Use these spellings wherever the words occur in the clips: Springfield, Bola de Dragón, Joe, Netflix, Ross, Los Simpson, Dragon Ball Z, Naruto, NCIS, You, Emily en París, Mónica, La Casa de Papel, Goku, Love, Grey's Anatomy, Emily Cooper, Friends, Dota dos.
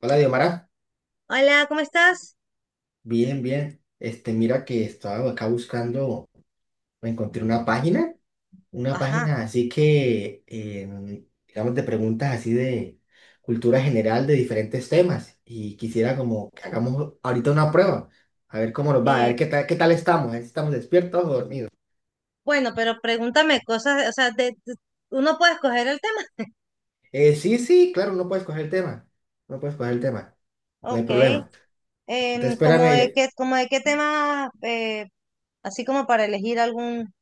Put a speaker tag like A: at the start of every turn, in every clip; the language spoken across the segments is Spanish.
A: Hola, Diomara.
B: Hola, ¿cómo estás?
A: Bien, bien. Mira que estaba acá buscando, me encontré una
B: Ajá.
A: página así que, digamos, de preguntas así de cultura general de diferentes temas. Y quisiera como que hagamos ahorita una prueba, a ver cómo nos va, a
B: Eh,
A: ver qué tal estamos, a ver si estamos despiertos o dormidos.
B: bueno, pero pregúntame cosas, o sea, de uno puede escoger el tema.
A: Sí, sí, claro, no puedes coger el tema, no puedes coger el tema, no hay
B: Ok.
A: problema. Entonces,
B: ¿Cómo
A: espérame,
B: de
A: ya-
B: qué, como de qué tema, así como para elegir algún...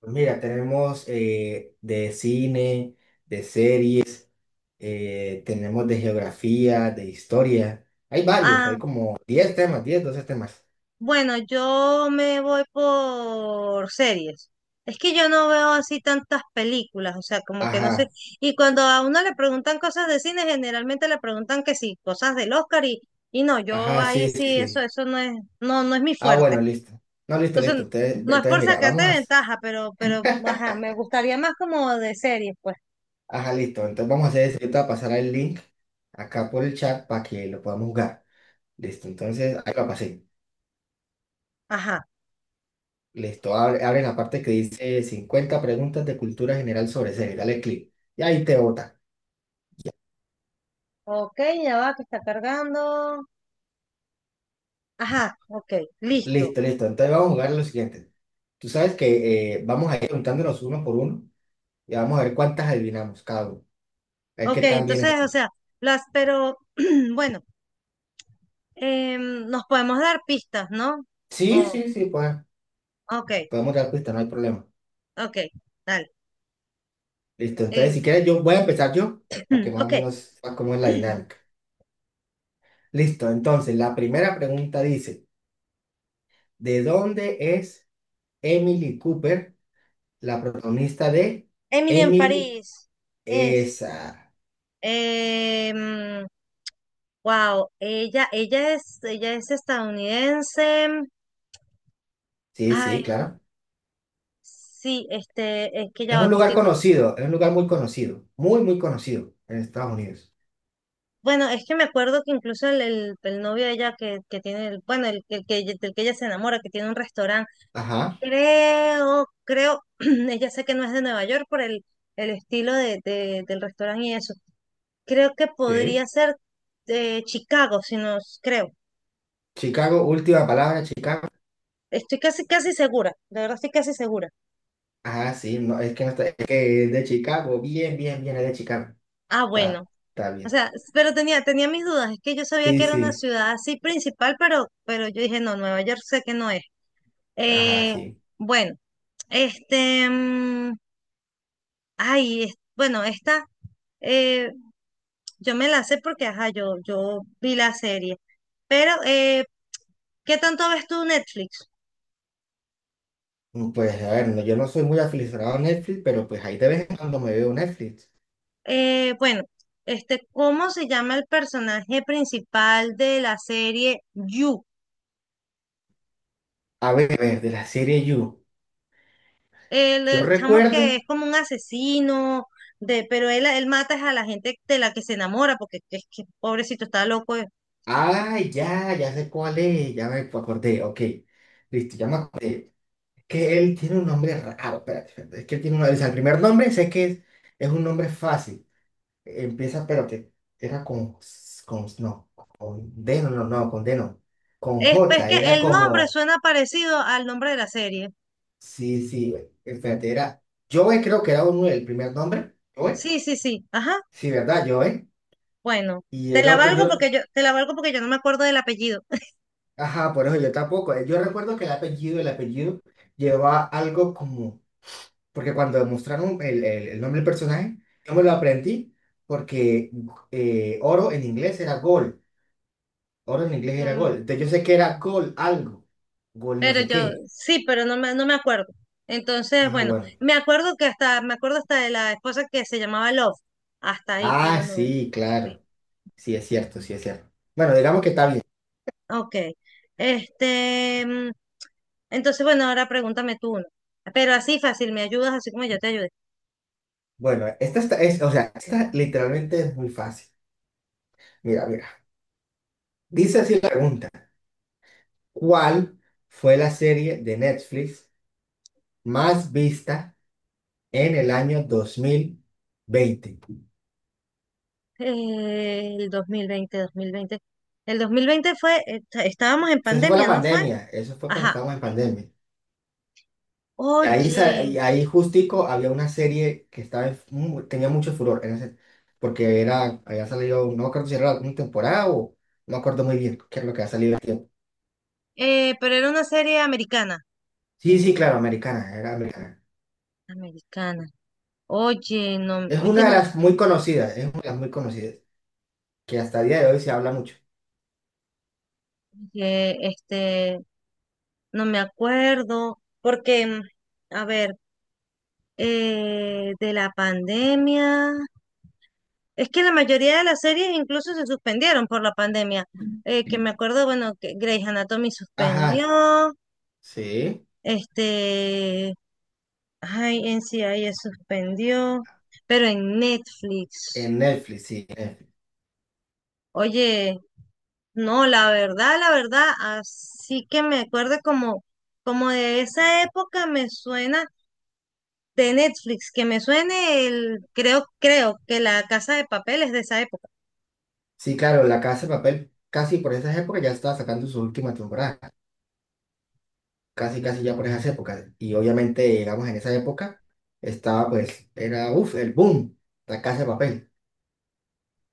A: Pues mira, tenemos de cine, de series, tenemos de geografía, de historia. Hay varios, hay
B: Ah,
A: como 10 temas, 10, 12 temas.
B: bueno, yo me voy por series. Es que yo no veo así tantas películas, o sea, como que no sé.
A: Ajá,
B: Y cuando a uno le preguntan cosas de cine, generalmente le preguntan que sí, cosas del Oscar y no, yo
A: ajá,
B: ahí
A: sí, sí,
B: sí,
A: sí.
B: eso no es, no, no es mi
A: Ah,
B: fuerte.
A: bueno, listo. No, listo, listo.
B: Entonces,
A: Entonces,
B: no es
A: entonces,
B: por
A: mira,
B: sacarte
A: vamos a...
B: ventaja, pero, ajá, me gustaría más como de series, pues.
A: Ajá, listo. Entonces vamos a hacer eso. Yo te voy a pasar el link acá por el chat para que lo podamos jugar. Listo, entonces ahí lo pasé.
B: Ajá.
A: Listo, abre, abre la parte que dice 50 preguntas de cultura general sobre series. Dale clic. Y ahí te bota.
B: Ok, ya va, que está cargando. Ajá, ok, listo.
A: Listo, listo. Entonces vamos a jugar lo siguiente. Tú sabes que vamos a ir preguntándonos uno por uno y vamos a ver cuántas adivinamos cada uno. A ver qué
B: Ok,
A: tan bien
B: entonces, o
A: estamos.
B: sea, las, pero, bueno, nos podemos dar pistas, ¿no?
A: Sí,
B: Oh,
A: sí, sí, pues
B: ok,
A: podemos dar pista, no hay problema.
B: ok, dale.
A: Listo, entonces
B: Eh,
A: si quieres yo voy a empezar yo para que más o
B: ok,
A: menos sepas cómo es la dinámica. Listo, entonces la primera pregunta dice, ¿de dónde es Emily Cooper, la protagonista de
B: Emily en
A: Emily?
B: París es,
A: Esa.
B: em, wow, ella es estadounidense.
A: Sí, sí,
B: Ay,
A: claro.
B: sí, este, es que ya
A: Es un
B: va, que
A: lugar
B: estoy.
A: conocido, es un lugar muy conocido, muy, muy conocido en Estados Unidos.
B: Bueno, es que me acuerdo que incluso el novio de ella que tiene, el, bueno, el del que ella se enamora, que tiene un restaurante,
A: Ajá,
B: creo, ella sé que no es de Nueva York por el estilo de del restaurante y eso. Creo que podría
A: sí.
B: ser de Chicago, si no, creo.
A: Chicago, última palabra, Chicago.
B: Estoy casi segura, de verdad estoy casi segura.
A: Ajá, sí, no, es que no está, es que es de Chicago, bien, bien, bien, es de Chicago.
B: Ah, bueno.
A: Está, está
B: O
A: bien.
B: sea, pero tenía, tenía mis dudas, es que yo sabía que
A: Sí,
B: era una
A: sí,
B: ciudad así principal, pero yo dije, no, Nueva York sé que no es.
A: ajá,
B: Eh,
A: sí.
B: bueno, este, mm, bueno, esta, eh, yo me la sé porque, ajá, yo vi la serie. Pero, ¿qué tanto ves tú Netflix?
A: Mm, pues a ver, no, yo no soy muy aficionado a Netflix, pero pues ahí de vez en cuando me veo Netflix.
B: Bueno, este, ¿cómo se llama el personaje principal de la serie You?
A: A ver, de la serie You. Yo
B: El chamo que
A: recuerdo.
B: es como un asesino, de, pero él mata es a la gente de la que se enamora, porque es que pobrecito está loco.
A: Ah, ya, ya sé cuál es, ya me acordé, ok. Listo, ya me acordé. Que él tiene un nombre raro, espérate, espérate, es que él tiene un, o sea, el primer nombre sé que es un nombre fácil, empieza, espérate, era con, no, con D, no, no, no, con D no, con
B: Es
A: J,
B: que
A: era
B: el nombre
A: como,
B: suena parecido al nombre de la serie.
A: sí, sí, espérate, era, Joe creo que era uno, el primer nombre, Joe,
B: Sí, sí, sí. Ajá.
A: sí, ¿verdad? Joe,
B: Bueno,
A: y el otro, yo,
B: te la valgo porque yo no me acuerdo del apellido.
A: ajá, por eso yo tampoco, yo recuerdo que el apellido lleva algo como. Porque cuando mostraron el nombre del personaje, yo me lo aprendí porque oro en inglés era gol. Oro en inglés era
B: Mm,
A: gol. Entonces yo sé que era gol algo. Gol no
B: pero
A: sé
B: yo,
A: qué.
B: sí, pero no me acuerdo. Entonces,
A: Ah,
B: bueno,
A: bueno.
B: me acuerdo hasta de la esposa que se llamaba Love. Hasta ahí,
A: Ah,
B: pero no.
A: sí, claro. Sí, es cierto, sí, es cierto. Bueno, digamos que está bien.
B: Ok. Este, mm, entonces, bueno, ahora pregúntame tú uno. Pero así fácil, me ayudas así como yo te ayudé.
A: Bueno, esta está, es, o sea, esta literalmente es muy fácil. Mira, mira. Dice así la pregunta. ¿Cuál fue la serie de Netflix más vista en el año 2020?
B: El 2020. 2020. El 2020 fue, estábamos en
A: Esa fue la
B: pandemia, ¿no fue?
A: pandemia, eso fue cuando
B: Ajá.
A: estábamos en pandemia. Y ahí, sa-
B: Oye.
A: y ahí justico había una serie que estaba en mu- tenía mucho furor, en ese- porque era, había salido, no me acuerdo si era una temporada o no me acuerdo muy bien qué es lo que ha salido el tiempo.
B: Pero era una serie americana.
A: Sí, sí, claro, americana, era americana.
B: Americana.
A: Es
B: Oye,
A: una de
B: no,
A: las muy conocidas, es una de las muy conocidas, que hasta el día de hoy se habla mucho.
B: eh, este, no me acuerdo, a ver, de la pandemia, es que la mayoría de las series incluso se suspendieron por la pandemia. Que me acuerdo, bueno, que Grey's Anatomy
A: Ajá,
B: suspendió,
A: sí,
B: este, ay, NCIS suspendió, pero en Netflix,
A: en Netflix, sí. En Netflix.
B: oye, no, la verdad, así que me acuerdo como, como de esa época me suena de Netflix, que me suene el, creo que La Casa de Papel es de esa época.
A: Sí, claro, La Casa de Papel, casi por esas épocas ya estaba sacando su última temporada. Casi casi ya por esas épocas. Y obviamente, digamos, en esa época estaba pues, era, uff, el boom, la casa de papel,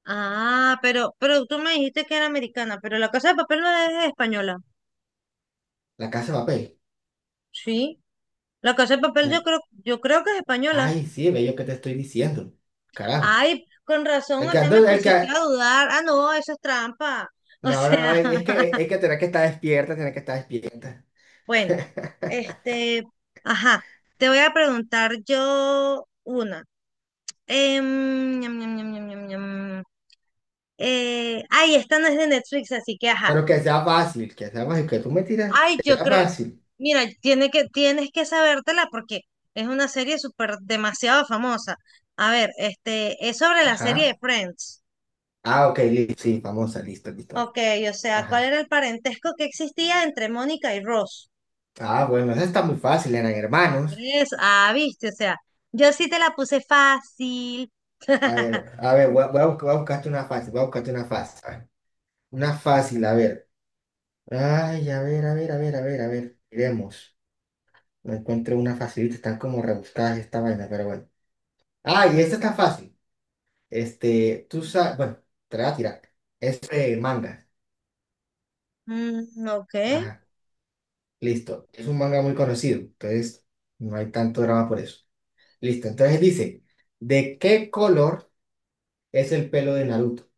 B: Ah, pero tú me dijiste que era americana, pero La Casa de Papel no es española.
A: la casa de papel.
B: Sí, La Casa de Papel
A: Ya.
B: yo creo que es española.
A: Ay, sí, bello que te estoy diciendo. Carajo.
B: Ay, con razón,
A: El
B: o
A: que
B: sea, me
A: ando- el
B: pusiste
A: que,
B: a dudar. Ah, no, eso es trampa. O
A: no, no, no,
B: sea,
A: es que tener que estar despierta, tener que estar despierta.
B: bueno. Este, ajá, te voy a preguntar yo una. Em, ñam, ñam, ñam, ñam, ñam, ñam. Ay, esta no es de Netflix, así que ajá.
A: Pero que sea fácil, que sea fácil, que tú me tiras,
B: Ay,
A: que
B: yo
A: sea
B: creo,
A: fácil.
B: mira, tiene que, tienes que sabértela porque es una serie súper demasiado famosa. A ver, este, es sobre la serie
A: Ajá.
B: de Friends.
A: Ah, ok, listo, sí, famosa, listo, listo.
B: Ok, o sea, ¿cuál
A: Ajá.
B: era el parentesco que existía entre Mónica y Ross?
A: Ah, bueno, esa está muy fácil, eran hermanos.
B: Es, ah, viste, o sea, yo sí te la puse fácil.
A: A ver, voy a buscarte una fácil, voy a buscarte una fácil. Una fácil, a ver. Ay, a ver, a ver, a ver, a ver, a ver. Iremos. No encuentro una facilita, están como rebuscadas esta vaina, pero bueno. Ay, esta está fácil. Tú sabes, bueno, te la voy a tirar. Es manga.
B: Ok.
A: Ajá, listo. Es un manga muy conocido, entonces no hay tanto drama por eso. Listo, entonces dice, ¿de qué color es el pelo de Naruto?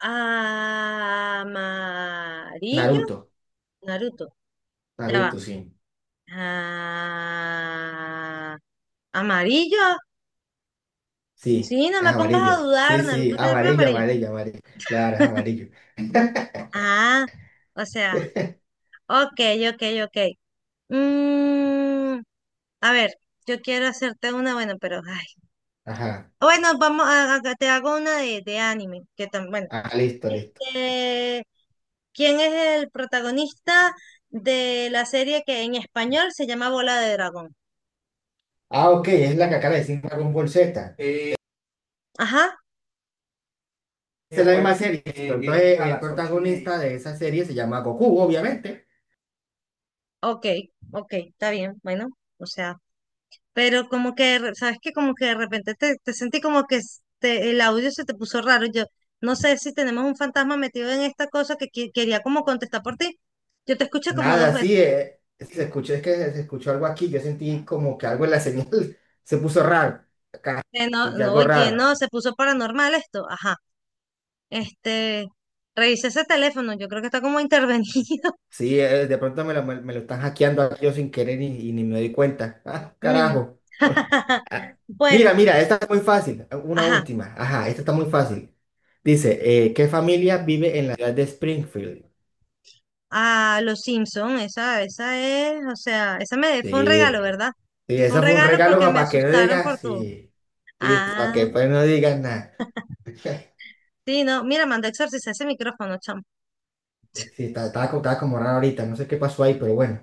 B: Amarillo.
A: Naruto,
B: Naruto. Ya va.
A: Naruto, sí.
B: Ah, amarillo.
A: Sí,
B: Sí, no
A: es
B: me pongas a
A: amarillo. Sí,
B: dudar.
A: sí,
B: Naruto tiene el pelo
A: amarillo,
B: amarillo.
A: amarillo, amarillo. Claro, es amarillo.
B: Ah, o sea, ok, ok, ok. Mm, a ver, yo quiero hacerte una, bueno, pero ay.
A: Ajá.
B: Bueno, vamos te hago una de anime, que también, bueno.
A: Ah, listo, listo.
B: Este, ¿quién es el protagonista de la serie que en español se llama Bola de Dragón?
A: Ah, ok, es la que acaba de decir Dragon Ball Z.
B: Ajá,
A: Esa es la misma bueno, serie. Eh, listo. Viene entonces, a el las 8 y protagonista de esa serie se llama Goku, obviamente.
B: ok, ok, está bien, bueno, o sea, pero como que, ¿sabes qué? Como que de repente te sentí como que el audio se te puso raro. Yo no sé si tenemos un fantasma metido en esta cosa que quería como contestar por ti. Yo te escuché como 2
A: Nada, sí,
B: veces.
A: se escuchó, es que se escuchó algo aquí. Yo sentí como que algo en la señal se puso raro.
B: No,
A: Sentí
B: no,
A: algo
B: oye,
A: raro.
B: no, se puso paranormal esto. Ajá, este, revisé ese teléfono, yo creo que está como intervenido.
A: Sí, de pronto me lo, me lo están hackeando aquí yo sin querer y ni me doy cuenta. Ah,
B: Mm.
A: carajo. Ah. Mira,
B: Bueno,
A: mira, esta es muy fácil. Una
B: ajá,
A: última. Ajá, esta está muy fácil. Dice, ¿qué familia vive en la ciudad de Springfield?
B: a Los Simpson, esa es, o sea, esa me fue un
A: Sí,
B: regalo, ¿verdad?
A: sí,
B: Fue un
A: eso fue un
B: regalo
A: regalo
B: porque me
A: para que no
B: asustaron por
A: digas,
B: tu.
A: sí, sí, para
B: Ah,
A: que pues no digas nada.
B: sí, no, mira, manda a exorcizar ese micrófono, chamo.
A: Sí, estaba, estaba co- estaba como raro ahorita, no sé qué pasó ahí, pero bueno,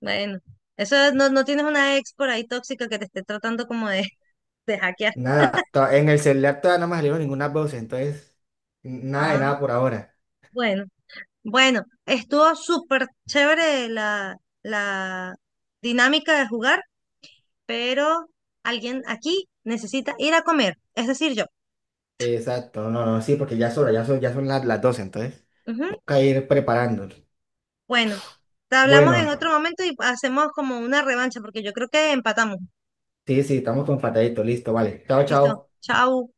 B: Bueno, eso es- no, no tienes una ex por ahí tóxica que te esté tratando como de, de hackear.
A: nada, to- en el celular todavía no me salieron ninguna voz, entonces, nada de
B: Ah,
A: nada por ahora.
B: bueno, bueno, estuvo súper chévere la, la dinámica de jugar, pero alguien aquí necesita ir a comer, es decir, yo.
A: Exacto, no, no, sí, porque ya son hora, ya son las, las 12, entonces,
B: Ujú.
A: toca ir preparándonos.
B: Bueno, te hablamos en
A: Bueno,
B: otro momento y hacemos como una revancha, porque yo creo que empatamos.
A: sí, sí, estamos con fatadito, listo, vale, chao,
B: Listo,
A: chao.
B: chao.